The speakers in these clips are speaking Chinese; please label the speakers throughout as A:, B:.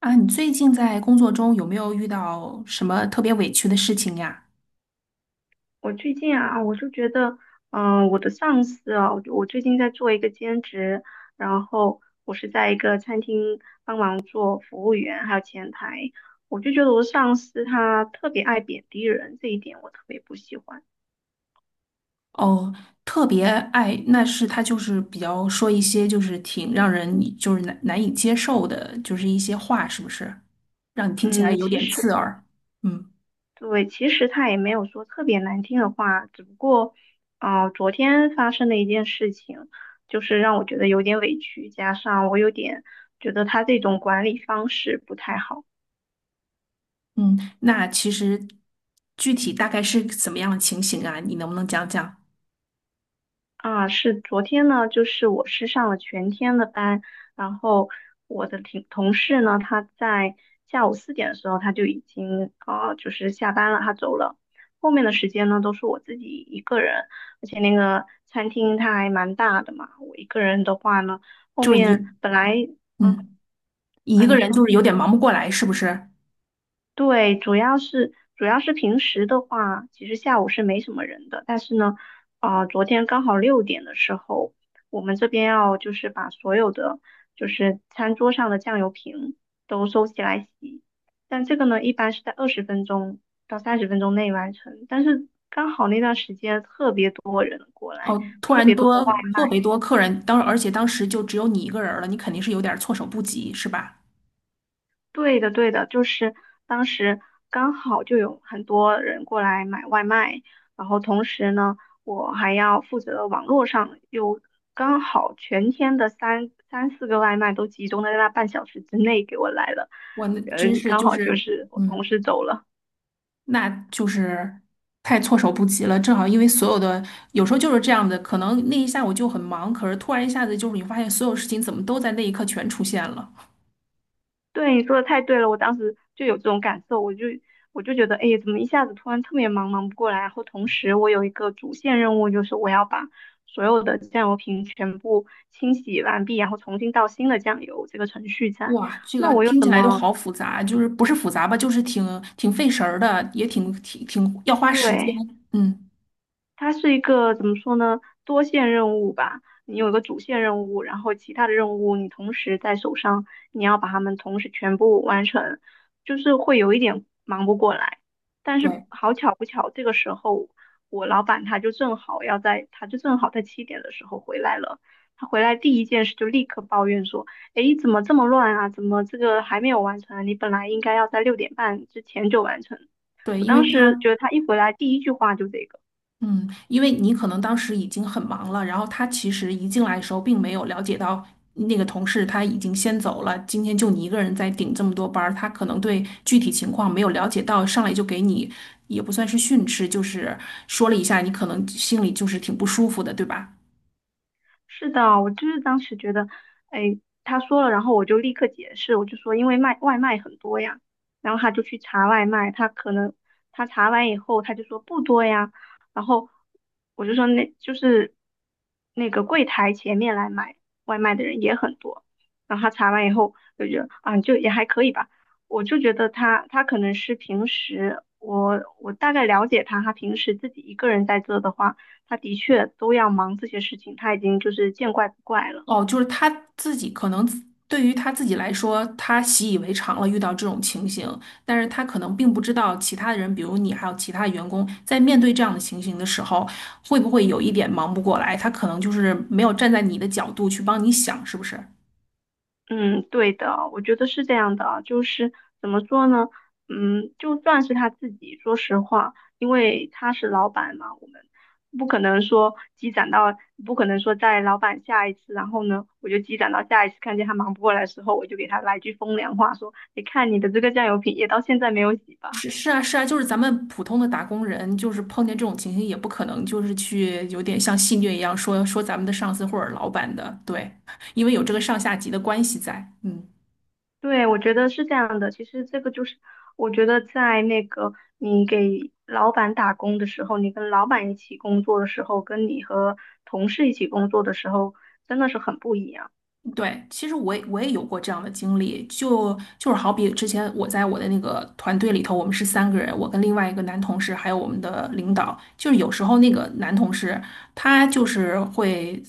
A: 啊，你最近在工作中有没有遇到什么特别委屈的事情呀？
B: 我最近啊，我就觉得，我的上司啊，我最近在做一个兼职，然后我是在一个餐厅做服务员，还有前台，我就觉得我的上司他特别爱贬低人，这一点我特别不喜欢。
A: 哦，特别爱，那是他就是比较说一些就是挺让人你就是难以接受的，就是一些话，是不是？让你听起来
B: 嗯，
A: 有
B: 其
A: 点
B: 实
A: 刺耳。嗯
B: 对，其实他也没有说特别难听的话，只不过，昨天发生的一件事情，就是让我觉得有点委屈，加上我有点觉得他这种管理方式不太好。
A: 嗯，那其实具体大概是怎么样的情形啊？你能不能讲讲？
B: 是昨天呢，就是我是上了全天的班，然后我的同事呢，他在下午4点的时候他就已经就是下班了，他走了。后面的时间呢，都是我自己一个人，而且那个餐厅它还蛮大的嘛，我一个人的话呢，后
A: 就是
B: 面本来啊
A: 嗯，一
B: 啊，
A: 个
B: 你
A: 人
B: 说。
A: 就是有点忙不过来，是不是？
B: 对，主要是平时的话，其实下午是没什么人的。但是呢，昨天刚好六点的时候，我们这边要就是把所有的就是餐桌上的酱油瓶都收起来洗。但这个呢，一般是在20分钟到30分钟内完成。但是刚好那段时间特别多人过来，
A: 哦，突
B: 特
A: 然
B: 别多的
A: 多
B: 外
A: 特
B: 卖。
A: 别多客人，而且当时就只有你一个人儿了，你肯定是有点儿措手不及，是吧？
B: 对的，对的，就是当时刚好就有很多人过来买外卖，然后同时呢，我还要负责网络上，又刚好全天的三四个外卖都集中在那半小时之内给我来了，
A: 哇，那真是
B: 刚
A: 就
B: 好就
A: 是，
B: 是我同
A: 嗯，
B: 事走了。
A: 那就是太措手不及了。正好因为所有的有时候就是这样的，可能那一下午就很忙，可是突然一下子就是你发现所有事情怎么都在那一刻全出现了。
B: 对，你说的太对了，我当时就有这种感受，我就觉得，哎，怎么一下子突然特别忙，忙不过来。然后同时，我有一个主线任务，就是我要把所有的酱油瓶全部清洗完毕，然后重新倒新的酱油，这个程序在。
A: 哇，这
B: 那
A: 个
B: 我又
A: 听起
B: 怎
A: 来都
B: 么，
A: 好复杂，就是不是复杂吧，就是挺费神儿的，也挺要花时间。
B: 对，
A: 嗯，
B: 它是一个怎么说呢？多线任务吧，你有一个主线任务，然后其他的任务你同时在手上，你要把它们同时全部完成，就是会有一点忙不过来。但是
A: 对
B: 好巧不巧，这个时候我老板他就正好在7点的时候回来了。他回来第一件事就立刻抱怨说：“诶，怎么这么乱啊？怎么这个还没有完成啊？你本来应该要在6点半之前就完成。”
A: 对，
B: 我
A: 因为
B: 当时
A: 他。
B: 觉得他一回来第一句话就这个。
A: 嗯，因为你可能当时已经很忙了，然后他其实一进来的时候并没有了解到那个同事他已经先走了，今天就你一个人在顶这么多班儿，他可能对具体情况没有了解到，上来就给你也不算是训斥，就是说了一下，你可能心里就是挺不舒服的，对吧？
B: 是的，我就是当时觉得，哎，他说了，然后我就立刻解释，我就说因为卖外卖很多呀，然后他就去查外卖，他可能他查完以后他就说不多呀，然后我就说那就是那个柜台前面来买外卖的人也很多，然后他查完以后就觉得啊就也还可以吧，我就觉得他可能是平时我大概了解他，他平时自己一个人在做的话。他的确都要忙这些事情，他已经就是见怪不怪了。
A: 哦，就是他自己可能自对于他自己来说，他习以为常了遇到这种情形，但是他可能并不知道其他的人，比如你还有其他员工，在面对这样的情形的时候，会不会有一点忙不过来？他可能就是没有站在你的角度去帮你想，是不是？
B: 嗯，对的，我觉得是这样的啊，就是怎么说呢？嗯，就算是他自己，说实话，因为他是老板嘛，我们不可能说积攒到，不可能说在老板下一次，然后呢，我就积攒到下一次看见他忙不过来的时候，我就给他来句风凉话，说，你看你的这个酱油瓶也到现在没有洗吧。
A: 是是啊是啊，就是咱们普通的打工人，就是碰见这种情形，也不可能就是去有点像戏谑一样说说咱们的上司或者老板的，对，因为有这个上下级的关系在，嗯。
B: 对，我觉得是这样的。其实这个就是，我觉得在那个你给老板打工的时候，你跟老板一起工作的时候，跟你和同事一起工作的时候，真的是很不一样。
A: 对，其实我也有过这样的经历，就是好比之前我在我的那个团队里头，我们是三个人，我跟另外一个男同事，还有我们的领导，就是有时候那个男同事他就是会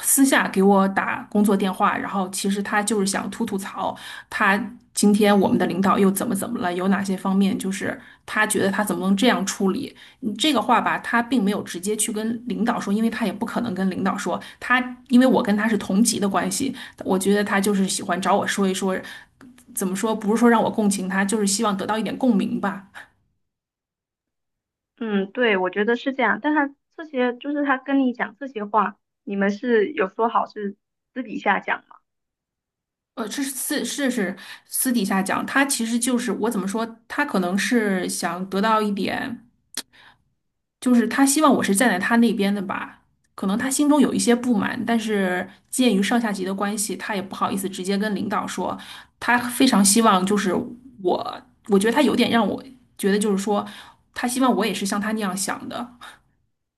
A: 私下给我打工作电话，然后其实他就是想吐吐槽，他今天我们的领导又怎么怎么了，有哪些方面就是他觉得他怎么能这样处理？你这个话吧，他并没有直接去跟领导说，因为他也不可能跟领导说，他因为我跟他是同级的关系，我觉得他就是喜欢找我说一说，怎么说，不是说让我共情他，就是希望得到一点共鸣吧。
B: 嗯，对，我觉得是这样。但他这些就是他跟你讲这些话，你们是有说好是私底下讲吗？
A: 这是私是是私底下讲，他其实就是我怎么说，他可能是想得到一点。就是他希望我是站在他那边的吧，可能他心中有一些不满，但是鉴于上下级的关系，他也不好意思直接跟领导说，他非常希望就是我，我觉得他有点让我觉得就是说，他希望我也是像他那样想的，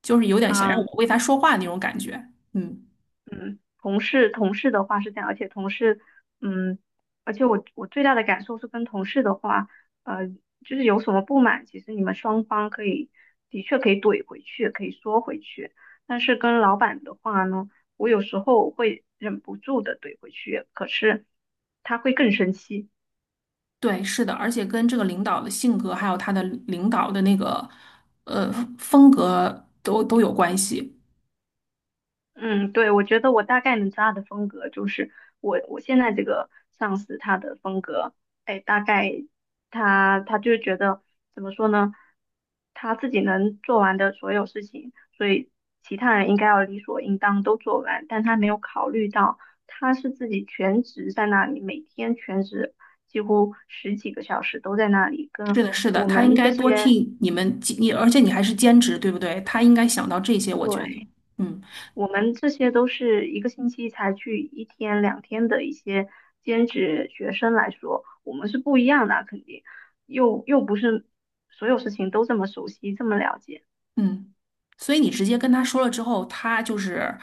A: 就是有点想让
B: 啊、
A: 我为他说话那种感觉。嗯，
B: 同事的话是这样，而且同事，嗯，而且我最大的感受是跟同事的话，呃，就是有什么不满，其实你们双方的确可以怼回去，可以说回去，但是跟老板的话呢，我有时候会忍不住的怼回去，可是他会更生气。
A: 对，是的，而且跟这个领导的性格，还有他的领导的那个呃风格都有关系。
B: 嗯，对，我觉得我大概能知道他的风格，就是我现在这个上司他的风格，哎，大概他就是觉得怎么说呢，他自己能做完的所有事情，所以其他人应该要理所应当都做完，但他没有考虑到他是自己全职在那里，每天全职几乎十几个小时都在那里，跟
A: 是的，是的，
B: 我
A: 他应
B: 们
A: 该
B: 这
A: 多
B: 些
A: 替你而且你还是兼职，对不对？他应该想到这些，我觉得，
B: 对。
A: 嗯
B: 我们这些都是一个星期才去一天两天的一些兼职学生来说，我们是不一样的啊肯定又不是所有事情都这么熟悉，这么了解
A: 嗯，所以你直接跟他说了之后，他就是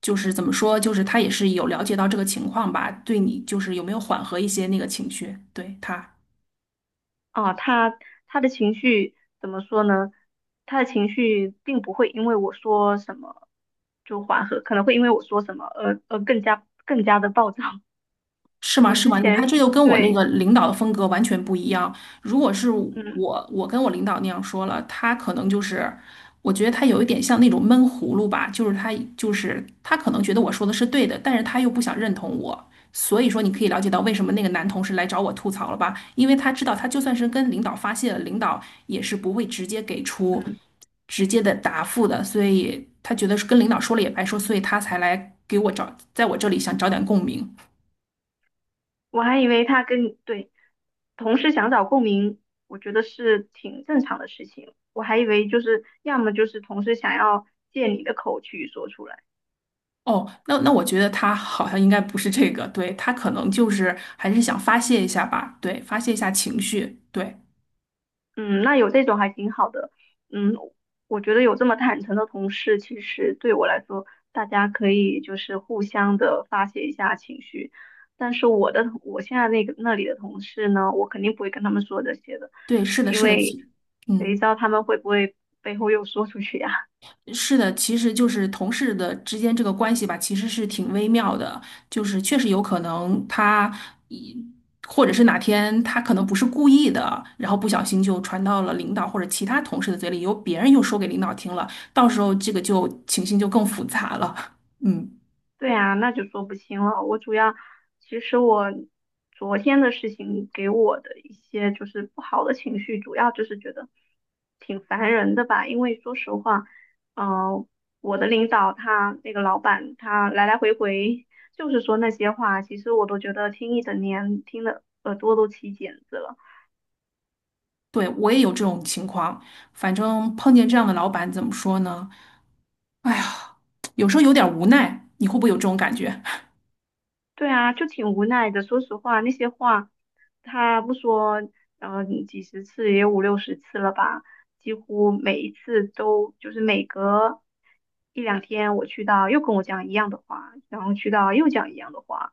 A: 就是怎么说，就是他也是有了解到这个情况吧，对你就是有没有缓和一些那个情绪，对他。
B: 啊。他他的情绪怎么说呢？他的情绪并不会因为我说什么就缓和，可能会因为我说什么而更加更加的暴躁。
A: 是 吗？
B: 我
A: 是
B: 之
A: 吗？你看，
B: 前
A: 这就跟我那
B: 对，
A: 个领导的风格完全不一样。如果是
B: 嗯
A: 我，我跟我领导那样说了，他可能就是，我觉得他有一点像那种闷葫芦吧，就是他可能觉得我说的是对的，但是他又不想认同我。所以说，你可以了解到为什么那个男同事来找我吐槽了吧？因为他知道，他就算是跟领导发泄了，领导也是不会直接给出
B: 嗯。
A: 直接的答复的，所以他觉得是跟领导说了也白说，所以他才来给我找，在我这里想找点共鸣。
B: 我还以为他跟你对同事想找共鸣，我觉得是挺正常的事情。我还以为就是要么就是同事想要借你的口去说出来，
A: 哦，那我觉得他好像应该不是这个，对，他可能就是还是想发泄一下吧，对，发泄一下情绪，对，
B: 嗯，那有这种还挺好的。嗯，我觉得有这么坦诚的同事，其实对我来说，大家可以就是互相的发泄一下情绪。但是我现在那个那里的同事呢，我肯定不会跟他们说这些的，
A: 对，是的，
B: 因
A: 是的，
B: 为谁知
A: 嗯，
B: 道他们会不会背后又说出去呀？
A: 是的，其实就是同事的之间这个关系吧，其实是挺微妙的，就是确实有可能他一，或者是哪天他可能不是故意的，然后不小心就传到了领导或者其他同事的嘴里，由别人又说给领导听了，到时候这个就情形就更复杂了，嗯。
B: 对啊，那就说不清了。我主要，其实我昨天的事情给我的一些就是不好的情绪，主要就是觉得挺烦人的吧。因为说实话，嗯、呃我的领导他那个老板他来来回回 就是说那些话，其实我都觉得听一整年，听的耳朵都起茧子了。
A: 对，我也有这种情况，反正碰见这样的老板，怎么说呢？哎呀，有时候有点无奈，你会不会有这种感觉？
B: 对啊，就挺无奈的。说实话，那些话他不说，几十次也有五六十次了吧，几乎每一次都就是每隔一两天我去到又跟我讲一样的话，然后去到又讲一样的话，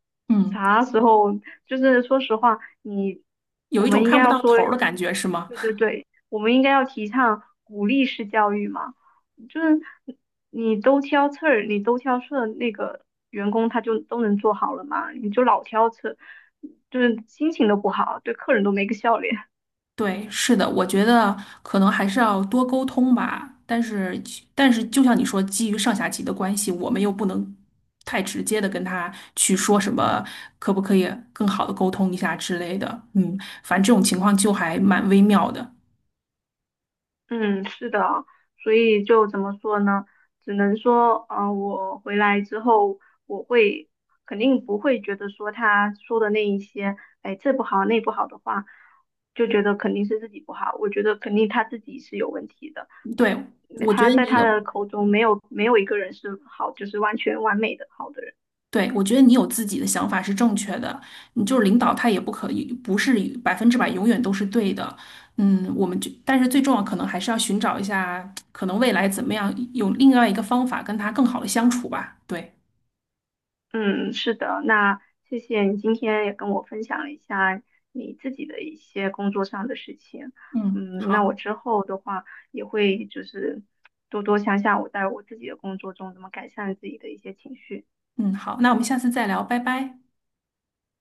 A: 嗯，
B: 啥时候？就是说实话，
A: 有
B: 我
A: 一种
B: 们应
A: 看
B: 该
A: 不
B: 要
A: 到
B: 说，
A: 头儿的感觉，是吗？
B: 对对对，我们应该要提倡鼓励式教育嘛。就是你都挑刺儿那个员工他就都能做好了嘛，你就老挑刺儿就是心情都不好，对客人都没个笑脸。
A: 对，是的，我觉得可能还是要多沟通吧。但是就像你说，基于上下级的关系，我们又不能太直接的跟他去说什么，可不可以更好的沟通一下之类的。嗯，反正这种情况就还蛮微妙的。
B: 嗯，是的，所以就怎么说呢？只能说，我回来之后，我会肯定不会觉得说他说的那一些，哎，这不好那不好的话，就觉得肯定是自己不好。我觉得肯定他自己是有问题的，
A: 对，
B: 因为
A: 我觉
B: 他
A: 得
B: 在
A: 你
B: 他
A: 有。
B: 的口中没有一个人是好，就是完全完美的好的人。
A: 对，我觉得你有自己的想法是正确的，你就是领导他也不可以不是百分之百永远都是对的，嗯，我们就但是最重要可能还是要寻找一下，可能未来怎么样有另外一个方法跟他更好的相处吧。对，
B: 嗯，是的，那谢谢你今天也跟我分享了一下你自己的一些工作上的事情。
A: 嗯，
B: 嗯，那
A: 好，
B: 我之后的话也会就是多多想想我在我自己的工作中怎么改善自己的一些情绪。
A: 嗯，好，那我们下次再聊，拜拜。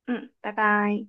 B: 嗯，拜拜。